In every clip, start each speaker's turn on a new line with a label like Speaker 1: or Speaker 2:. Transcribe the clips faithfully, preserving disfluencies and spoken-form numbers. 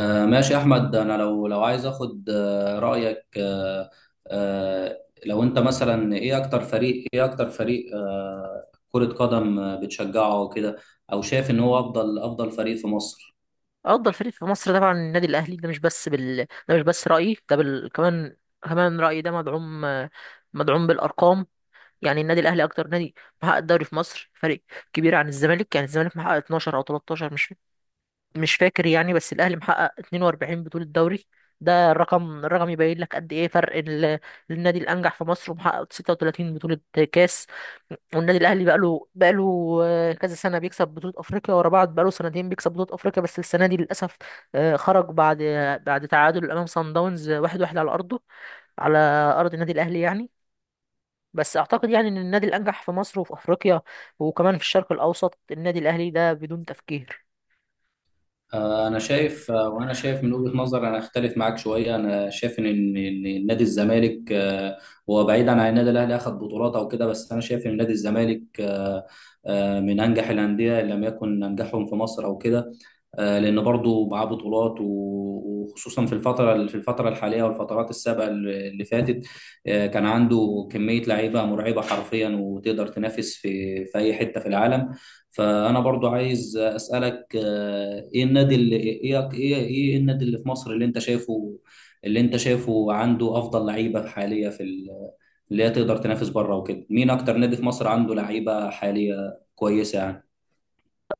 Speaker 1: آه، ماشي يا احمد، انا لو لو عايز اخد آه، رايك. آه، آه، لو انت مثلا ايه اكتر فريق ايه اكتر فريق آه، كرة قدم آه، بتشجعه وكده، او شايف ان هو افضل افضل فريق في مصر؟
Speaker 2: افضل فريق في مصر طبعا النادي الاهلي ده مش بس بال... ده مش بس رايي ده بال... كمان كمان رايي ده مدعوم مدعوم بالارقام. يعني النادي الاهلي اكتر نادي محقق الدوري في مصر، فريق كبير عن الزمالك. يعني الزمالك محقق اتناشر او تلتاشر، مش مش فاكر يعني، بس الاهلي محقق اتنين واربعين بطولة دوري. ده الرقم، الرقم يبين لك قد ايه فرق ال- النادي الانجح في مصر، ومحقق ستة وتلاتين بطولة كاس. والنادي الاهلي بقاله بقاله آه، كذا سنة بيكسب بطولة افريقيا ورا بعض، بقاله سنتين بيكسب بطولة افريقيا، بس السنة دي للاسف آه، خرج بعد بعد تعادل امام صن داونز واحد واحد على ارضه، على ارض النادي الاهلي يعني. بس اعتقد يعني ان النادي الانجح في مصر وفي افريقيا وكمان في الشرق الاوسط النادي الاهلي ده بدون تفكير.
Speaker 1: آه، انا شايف. آه، وانا شايف من وجهة نظر، انا اختلف معاك شوية. انا شايف ان إن إن نادي الزمالك آه، هو بعيدا عن النادي الاهلي اخذ بطولات او كده، بس انا شايف ان نادي الزمالك آه، آه، من انجح الاندية إن لم يكن انجحهم في مصر او كده. آه، لان برضو معاه بطولات و- وخصوصا في الفتره، في الفتره الحاليه والفترات السابقه اللي اللي فاتت. آه، كان عنده كميه لعيبه مرعبه حرفيا، وتقدر تنافس في في اي حته في العالم. فانا برضو عايز اسالك آه، ايه النادي اللي ايه ايه ايه النادي اللي في مصر، اللي انت شايفه اللي انت شايفه عنده افضل لعيبه حاليه في ال- اللي هي تقدر تنافس بره وكده. مين اكتر نادي في مصر عنده لعيبه حاليه كويسه يعني؟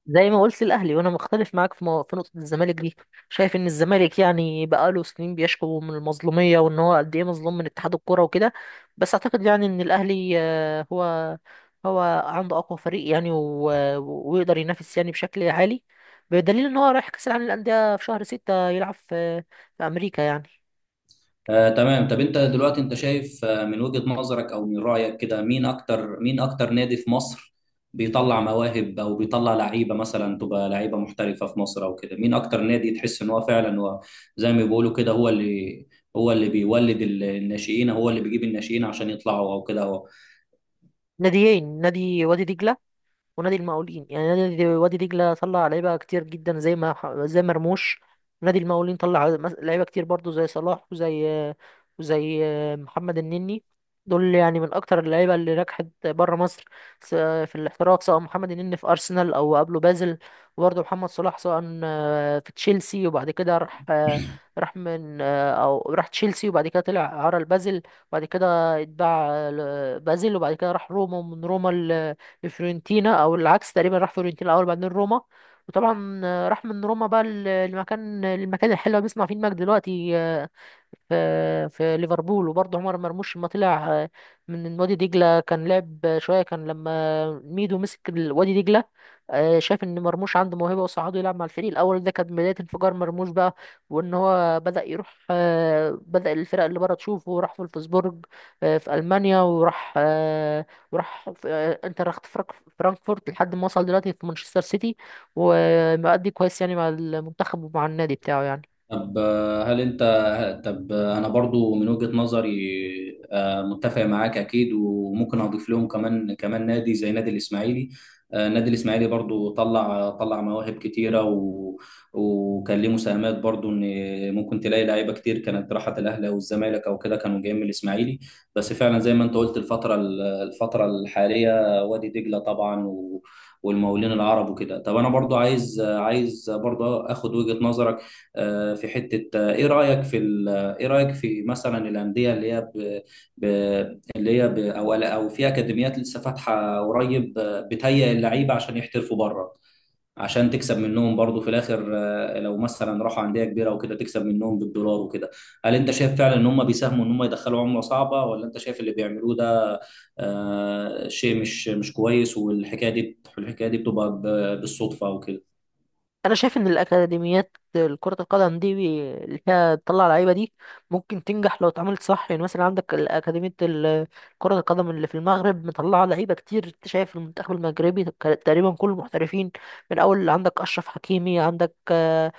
Speaker 2: زي ما قلت الاهلي، وانا مختلف معاك في مو- في نقطه الزمالك دي. شايف ان الزمالك يعني بقاله سنين بيشكو من المظلوميه، وان هو قد ايه مظلوم من اتحاد الكوره وكده. بس اعتقد يعني ان الاهلي آه، هو هو عنده اقوى فريق يعني و- ويقدر ينافس يعني بشكل عالي، بدليل ان هو رايح كاس العالم للانديه في شهر ستة، يلعب في في امريكا يعني.
Speaker 1: آه، تمام. طب انت دلوقتي انت شايف آه، من وجهة نظرك او من رأيك كده، مين اكتر مين اكتر نادي في مصر بيطلع مواهب، او بيطلع لعيبة مثلا تبقى لعيبة محترفة في مصر او كده؟ مين اكتر نادي تحس ان هو فعلا هو زي ما بيقولوا كده، هو اللي هو اللي بيولد ال- الناشئين، هو اللي بيجيب الناشئين عشان يطلعوا او كده؟
Speaker 2: ناديين: نادي وادي دجله ونادي المقاولين. يعني نادي وادي دجلة طلع لعيبة كتير جدا زي ما ح- زي مرموش. نادي المقاولين طلع مس- لعيبة كتير برضو زي صلاح وزي وزي محمد النني. دول يعني من أكتر اللعيبة اللي نجحت بره مصر س- في الاحتراف، سواء محمد النني في أرسنال أو قبله بازل. وبرضه محمد صلاح سواء في تشيلسي وبعد كده راح راح من أو راح تشيلسي، وبعد كده طلع عرى لبازل، وبعد كده اتباع ل- بازل، وبعد كده راح روما، ومن روما لفيورنتينا، او العكس تقريبا، راح فيورنتينا الاول بعدين روما. وطبعا آه، راح من روما بقى ل- لمكان، المكان الحلو اللي بيسمع فيه المجد دلوقتي، آه، في في ليفربول. وبرضه عمر مرموش لما طلع آه، من وادي دجلة كان لعب آه، شوية. كان لما ميدو مسك ال- وادي دجلة آه، شاف ان مرموش عنده موهبة وصعده يلعب مع الفريق الاول، ده كانت بداية انفجار مرموش بقى. وان هو بدأ يروح آه، بدأ الفرق اللي بره تشوفه، راح فولفسبورج آه، في ألمانيا، وراح آه، وراح في آه، انتر خت- فرانك- فرانكفورت، لحد ما وصل دلوقتي في مانشستر سيتي، ومؤدي كويس يعني مع المنتخب ومع النادي بتاعه يعني.
Speaker 1: طب آه، هل انت، طب آه، انا برضو من وجهة نظري آه، متفق معاك اكيد، وممكن اضيف لهم كمان كمان نادي زي نادي الاسماعيلي. آه، نادي الاسماعيلي برضو طلع طلع مواهب كتيرة، و... وكان ليه مساهمات برضو، ان ممكن تلاقي لعيبة كتير كانت راحت الاهلي او الزمالك او كده، كانوا جايين من الاسماعيلي. بس فعلا زي ما انت قلت الفترة، ال- الفترة الحالية، وادي دجلة طبعا و... والمقاولين العرب وكده. طب انا برضو عايز عايز برضو اخد وجهة نظرك آه، في حتة. آه، إيه رأيك في ال- آه، إيه رأيك في مثلا الأندية اللي هي ب... ب... اللي هي ب... أو أو في أكاديميات لسه فاتحة قريب آه، بتهيئ اللعيبة عشان يحترفوا بره، عشان تكسب منهم برضو في الآخر آه، لو مثلا راحوا أندية كبيرة وكده تكسب منهم بالدولار وكده. هل أنت شايف فعلا إن هم بيساهموا إن هم يدخلوا عملة صعبة، ولا أنت شايف اللي بيعملوه ده آه، شيء مش مش كويس، والحكاية دي الحكاية دي بتبقى ب- بالصدفة وكده؟
Speaker 2: انا شايف ان الاكاديميات، كرة القدم دي، بي- اللي فيها تطلع لعيبة دي، ممكن تنجح لو اتعملت صح. يعني مثلا عندك الاكاديمية ال- كرة القدم اللي في المغرب، مطلعة لعيبة كتير. انت شايف المنتخب المغربي تقريبا كل المحترفين، من اول عندك اشرف حكيمي، عندك آه،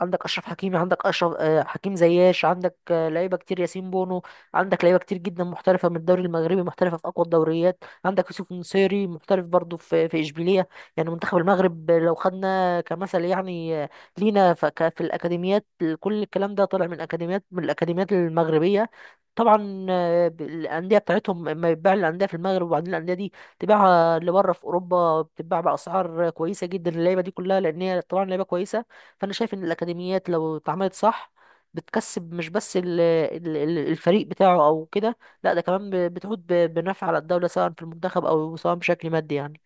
Speaker 2: عندك اشرف حكيمي عندك اشرف آه، حكيم زياش، عندك آه، لعيبه كتير، ياسين بونو. عندك لعيبه كتير جدا محترفه من الدوري المغربي، محترفه في اقوى الدوريات. عندك يوسف نصيري محترف برضه في في اشبيليه. يعني منتخب المغرب آه، لو خدنا كمثل يعني آه، لينا ف- ك- في الاكاديميات، كل الكلام ده طالع من اكاديميات، من الاكاديميات المغربيه. طبعا آه، ب- الانديه بتاعتهم اما يتباع، الانديه في المغرب وبعدين الانديه دي تباعها لبره في اوروبا، بتتباع باسعار كويسه جدا اللعيبه دي كلها، لان هي طبعا لعيبه كويسه. فانا شايف ان الاكاديميات لو اتعملت صح بتكسب مش بس ال- ال- ال- الفريق بتاعه او كده، لا ده كمان ب- بتعود ب- بنفع على الدولة، سواء في المنتخب او سواء بشكل مادي يعني.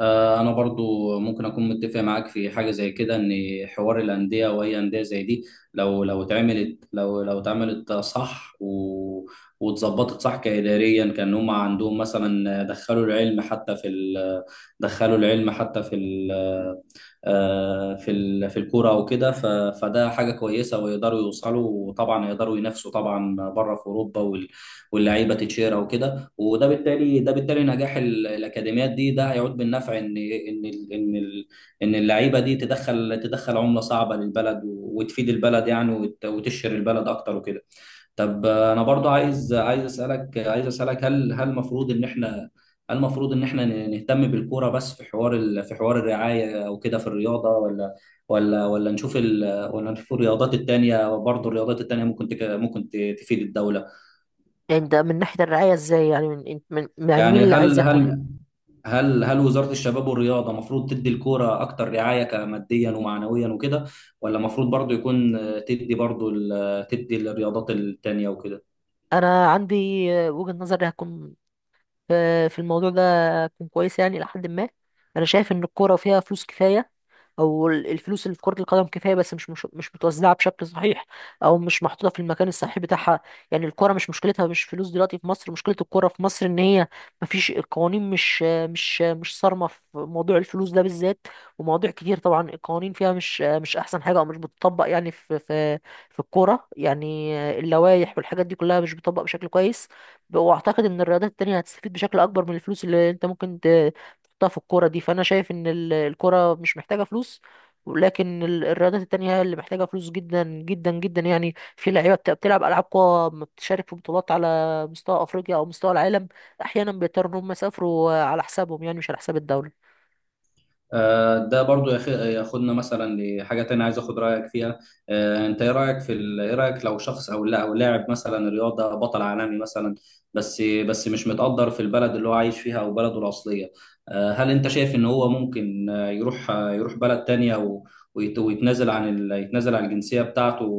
Speaker 1: آه، انا برضو ممكن اكون متفق معاك في حاجه زي كده، ان حوار الانديه واي انديه زي دي لو لو اتعملت لو لو اتعملت صح و واتظبطت صح كاداريا، كان هم عندهم مثلا دخلوا العلم حتى في ال... دخلوا العلم حتى في ال... آه، في ال- في الكوره وكده. ف- فده حاجه كويسه، ويقدروا يوصلوا، وطبعا يقدروا ينافسوا طبعا بره في اوروبا، وال- واللعيبه تتشير وكده. وده بالتالي ده بالتالي نجاح ال- الاكاديميات دي، ده هيعود بالنفع ان ان ال- ان ال- ان اللعيبه دي تدخل تدخل عمله صعبه للبلد، و- وتفيد البلد يعني، وت- وتشهر البلد اكتر وكده. طب آه، انا برضو عايز عايز اسالك عايز اسالك هل هل المفروض ان احنا هل المفروض ان احنا نهتم بالكوره بس في حوار ال... في حوار الرعايه وكده في الرياضه؟ ولا ولا ولا نشوف ال... ولا نشوف الرياضات التانيه برضو. الرياضات التانيه ممكن تك... ممكن ت- تفيد الدوله.
Speaker 2: يعني ده من ناحية الرعاية ازاي؟ يعني من من من- يعني مين
Speaker 1: يعني
Speaker 2: اللي عايز
Speaker 1: هل
Speaker 2: يهتم؟
Speaker 1: هل هل هل وزاره الشباب والرياضه المفروض تدي الكوره اكتر رعايه، كماديا ومعنويا وكده، ولا المفروض برضو يكون آه، تدي برضو ال... تدي الرياضات التانيه وكده؟
Speaker 2: انا عندي وجهة نظري هتكون في في الموضوع ده، هتكون كويسة يعني لحد ما. انا شايف ان الكورة فيها فلوس كفاية، او ال- الفلوس اللي في كرة القدم كفاية، بس مش مش مش متوزعة بشكل صحيح، او مش محطوطة في المكان الصحيح بتاعها. يعني الكرة مش مشكلتها مش فلوس دلوقتي في مصر، مشكلة الكرة في مصر ان هي مفيش القوانين، مش مش مش صارمة في موضوع الفلوس ده بالذات. ومواضيع كتير طبعا القوانين فيها مش مش احسن حاجة، او مش بتطبق يعني في في في الكورة يعني. اللوائح والحاجات دي كلها مش بتطبق بشكل كويس. واعتقد ان الرياضات التانية هتستفيد بشكل اكبر من الفلوس اللي انت ممكن تحطها في الكورة دي. فأنا شايف إن ال- الكورة مش محتاجة فلوس، لكن ال- الرياضات التانية هي اللي محتاجة فلوس جدا جدا جدا. يعني في لعيبة بت- بتلعب ألعاب قوى ما بتشارك في بطولات على مستوى أفريقيا أو مستوى العالم، أحيانا بيضطروا إن هم يسافروا على حسابهم، يعني مش على حساب الدولة.
Speaker 1: آه، ده برضو ياخ- ياخدنا مثلا لحاجة تانية، عايز اخد رأيك فيها. آه، انت ايه رأيك في ال... ايه رأيك لو شخص او لا او لاعب مثلا رياضة بطل عالمي مثلا، بس بس مش متقدر في البلد اللي هو عايش فيها او بلده الأصلية. آه، هل انت شايف ان هو ممكن آه، يروح آه، يروح بلد تانية، و... ويت... ويتنازل عن ال... يتنازل عن الجنسية بتاعته،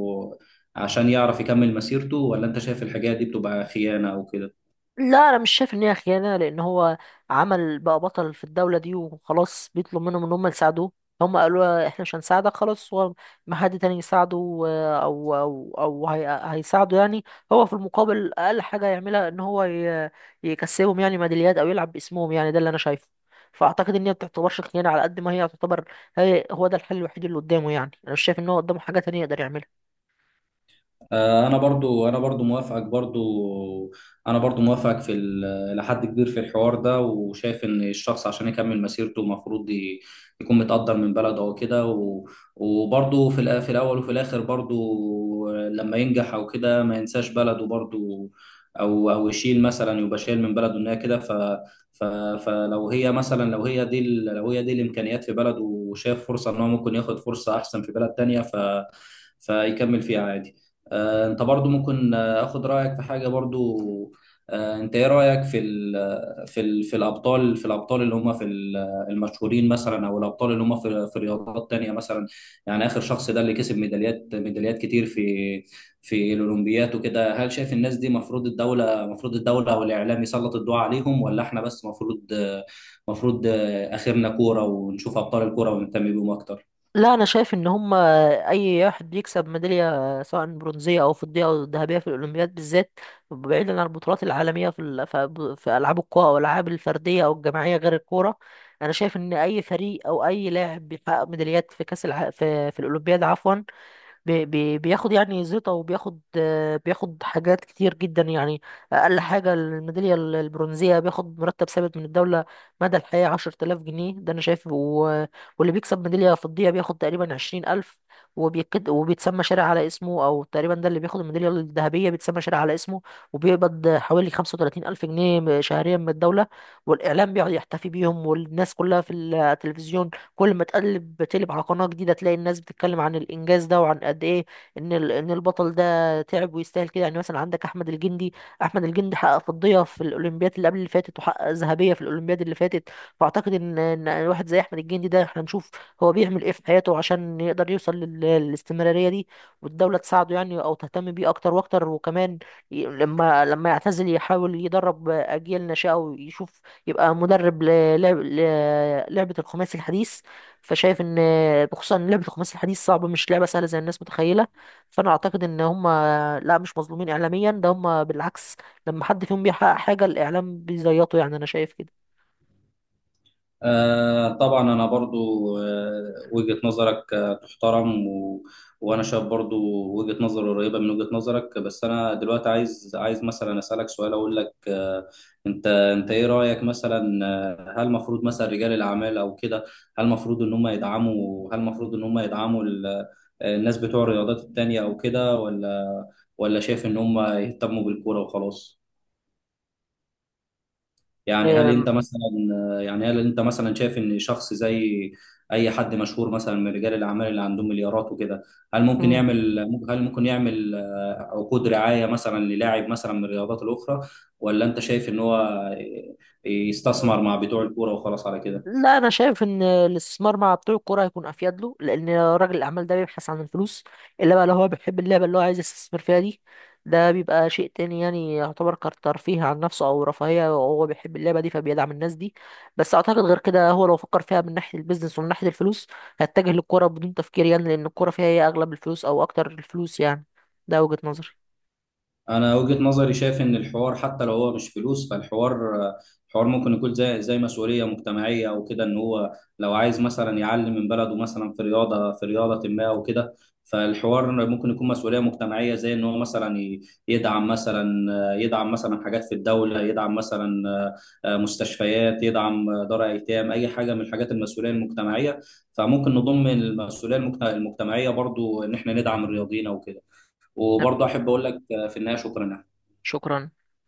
Speaker 1: عشان يعرف يكمل مسيرته، ولا انت شايف الحاجات دي بتبقى خيانة او كده؟
Speaker 2: لا انا مش شايف ان هي خيانه، لان هو عمل بقى بطل في الدوله دي وخلاص، بيطلب منهم ان هم يساعدوه. هم قالوا له احنا مش هنساعدك، خلاص هو ما حد تاني يساعده آه، او او او هي هيساعده يعني. هو في المقابل اقل حاجه يعملها ان هو ي- يكسبهم يعني ميداليات، او يلعب باسمهم. يعني ده اللي انا شايفه. فاعتقد ان هي ما بتعتبرش خيانه على قد ما هي تعتبر هي هو ده الحل الوحيد اللي قدامه، يعني انا مش شايف ان هو قدامه حاجه تانية يقدر يعملها.
Speaker 1: آه، انا برضو انا برضو موافقك برضو، انا برضو موافقك في ال- لحد كبير في الحوار ده، وشايف ان الشخص عشان يكمل مسيرته المفروض ي- يكون متقدر من بلده او كده، و- وبرضو في الأ- في الاول وفي الاخر برضو لما ينجح او كده ما ينساش بلده برضو، او او يشيل مثلا، يبقى شايل من بلده ان هي كده. ف ف فلو هي مثلا لو هي دي ال- لو هي دي الامكانيات في بلده، وشاف فرصة ان هو ممكن ياخد فرصة احسن في بلد تانية، ف فيكمل فيها عادي. آه، انت برضو ممكن آه، اخد رايك في حاجه برضو. آه، انت ايه رايك في ال في ال في الابطال في الابطال اللي هم في ال- المشهورين مثلا، او الابطال اللي هم في في رياضات تانية مثلا. يعني اخر شخص ده اللي كسب ميداليات، ميداليات كتير في في الاولمبيات وكده. هل شايف الناس دي مفروض الدوله، مفروض الدوله او الاعلام يسلط الضوء عليهم، ولا احنا بس مفروض مفروض آه، اخرنا كوره ونشوف ابطال الكوره ونهتم بيهم اكتر؟
Speaker 2: لا انا شايف ان هم اي واحد بيكسب ميداليه، سواء برونزيه او فضيه او ذهبيه، في الاولمبياد بالذات بعيدا عن البطولات العالميه في ال- في في العاب القوى او الالعاب الفرديه او الجماعيه غير الكوره، انا شايف ان اي فريق او اي لاعب بيحقق ميداليات في كاس الع... في في الاولمبياد عفوا، بي بي بياخد يعني زيطة، وبياخد آه، بياخد حاجات كتير جدا يعني. أقل حاجة، الميدالية ال- البرونزية، بياخد مرتب ثابت من الدولة مدى الحياة عشرة آلاف جنيه ده أنا شايف. و- واللي بيكسب ميدالية فضية بياخد تقريبا عشرين ألف، وبيكد وبيتسمى شارع على اسمه، أو تقريبا ده اللي بياخد الميدالية الذهبية بيتسمى شارع على اسمه، وبيقبض حوالي خمسة وتلاتين ألف جنيه شهريا من الدولة. والإعلام بيقعد يحتفي بيهم، والناس كلها في التلفزيون كل ما تقلب تقلب على قناة جديدة تلاقي الناس بتتكلم عن الإنجاز ده، وعن قد إيه إن ال- إن البطل ده تعب ويستاهل كده. يعني مثلا عندك أحمد الجندي، أحمد الجندي حقق فضية في الأولمبياد اللي قبل اللي فاتت، وحقق ذهبية في الأولمبياد اللي فاتت. فأعتقد إن إن واحد زي أحمد الجندي ده إحنا نشوف هو بيعمل إيه في حياته عشان يقدر يوصل لل- للاستمرارية دي، والدولة تساعده يعني، أو تهتم بيه أكتر وأكتر. وكمان ي- لما لما يعتزل يحاول يدرب أجيال ناشئة، ويشوف يبقى مدرب للعب لعبة الخماسي الحديث. فشايف ان، بخصوصا ان لعبه الخماسي الحديث صعبه، مش لعبه سهله زي الناس متخيله. فانا اعتقد ان هم لا مش مظلومين اعلاميا، ده هم بالعكس لما حد فيهم بيحقق حاجه الاعلام بيزيطه، يعني انا شايف كده.
Speaker 1: آه، طبعا انا برضو آه، وجهة نظرك آه، تحترم، و... وانا شايف برضو وجهة نظر قريبة من وجهة نظرك، بس انا دلوقتي عايز عايز مثلا اسالك سؤال، اقول لك آه، انت انت ايه رايك مثلا؟ آه، هل المفروض مثلا رجال الاعمال او كده، هل المفروض ان هم يدعموا هل المفروض ان هم يدعموا ال- آه، الناس بتوع الرياضات التانية او كده، ولا ولا شايف ان هم يهتموا بالكورة وخلاص؟ يعني هل انت مثلا يعني هل انت مثلا شايف ان شخص زي اي حد مشهور مثلا من رجال الاعمال اللي عندهم مليارات وكده، هل ممكن
Speaker 2: أم،
Speaker 1: يعمل هل ممكن يعمل آه، عقود رعاية مثلا للاعب مثلا من الرياضات الاخرى، ولا انت شايف ان هو آه، يستثمر مع بتوع الكورة وخلاص على كده؟
Speaker 2: لا انا شايف ان الاستثمار مع بتوع الكوره هيكون افيد له، لان راجل الاعمال ده بيبحث عن الفلوس. الا بقى لو هو بيحب اللعبه اللي هو عايز يستثمر فيها دي، ده بيبقى شيء تاني، يعني يعتبر كترفيه عن نفسه او رفاهيه، وهو بيحب اللعبه دي فبيدعم الناس دي. بس اعتقد غير كده، هو لو فكر فيها من ناحيه البيزنس ومن ناحيه الفلوس هيتجه للكوره بدون تفكير، يعني لان الكوره فيها هي اغلب الفلوس او اكتر الفلوس يعني. ده وجهه نظري.
Speaker 1: انا وجهة نظري شايف ان الحوار حتى لو هو مش فلوس، فالحوار الحوار ممكن يكون زي زي مسؤولية مجتمعية او كده، ان هو لو عايز مثلا يعلم من بلده مثلا في رياضة، في رياضة ما او كده. فالحوار ممكن يكون مسؤولية مجتمعية زي ان هو مثلا ي- يدعم مثلا يدعم مثلا حاجات في الدولة، يدعم مثلا آه، مستشفيات، يدعم دار ايتام، اي حاجة من الحاجات المسؤولية المجتمعية. فممكن نضم المسؤولية المجت- المجتمعية برضو ان احنا ندعم الرياضيين او كده.
Speaker 2: تمام،
Speaker 1: وبرضه احب اقول لك آه، في النهايه، شكرا.
Speaker 2: شكرا.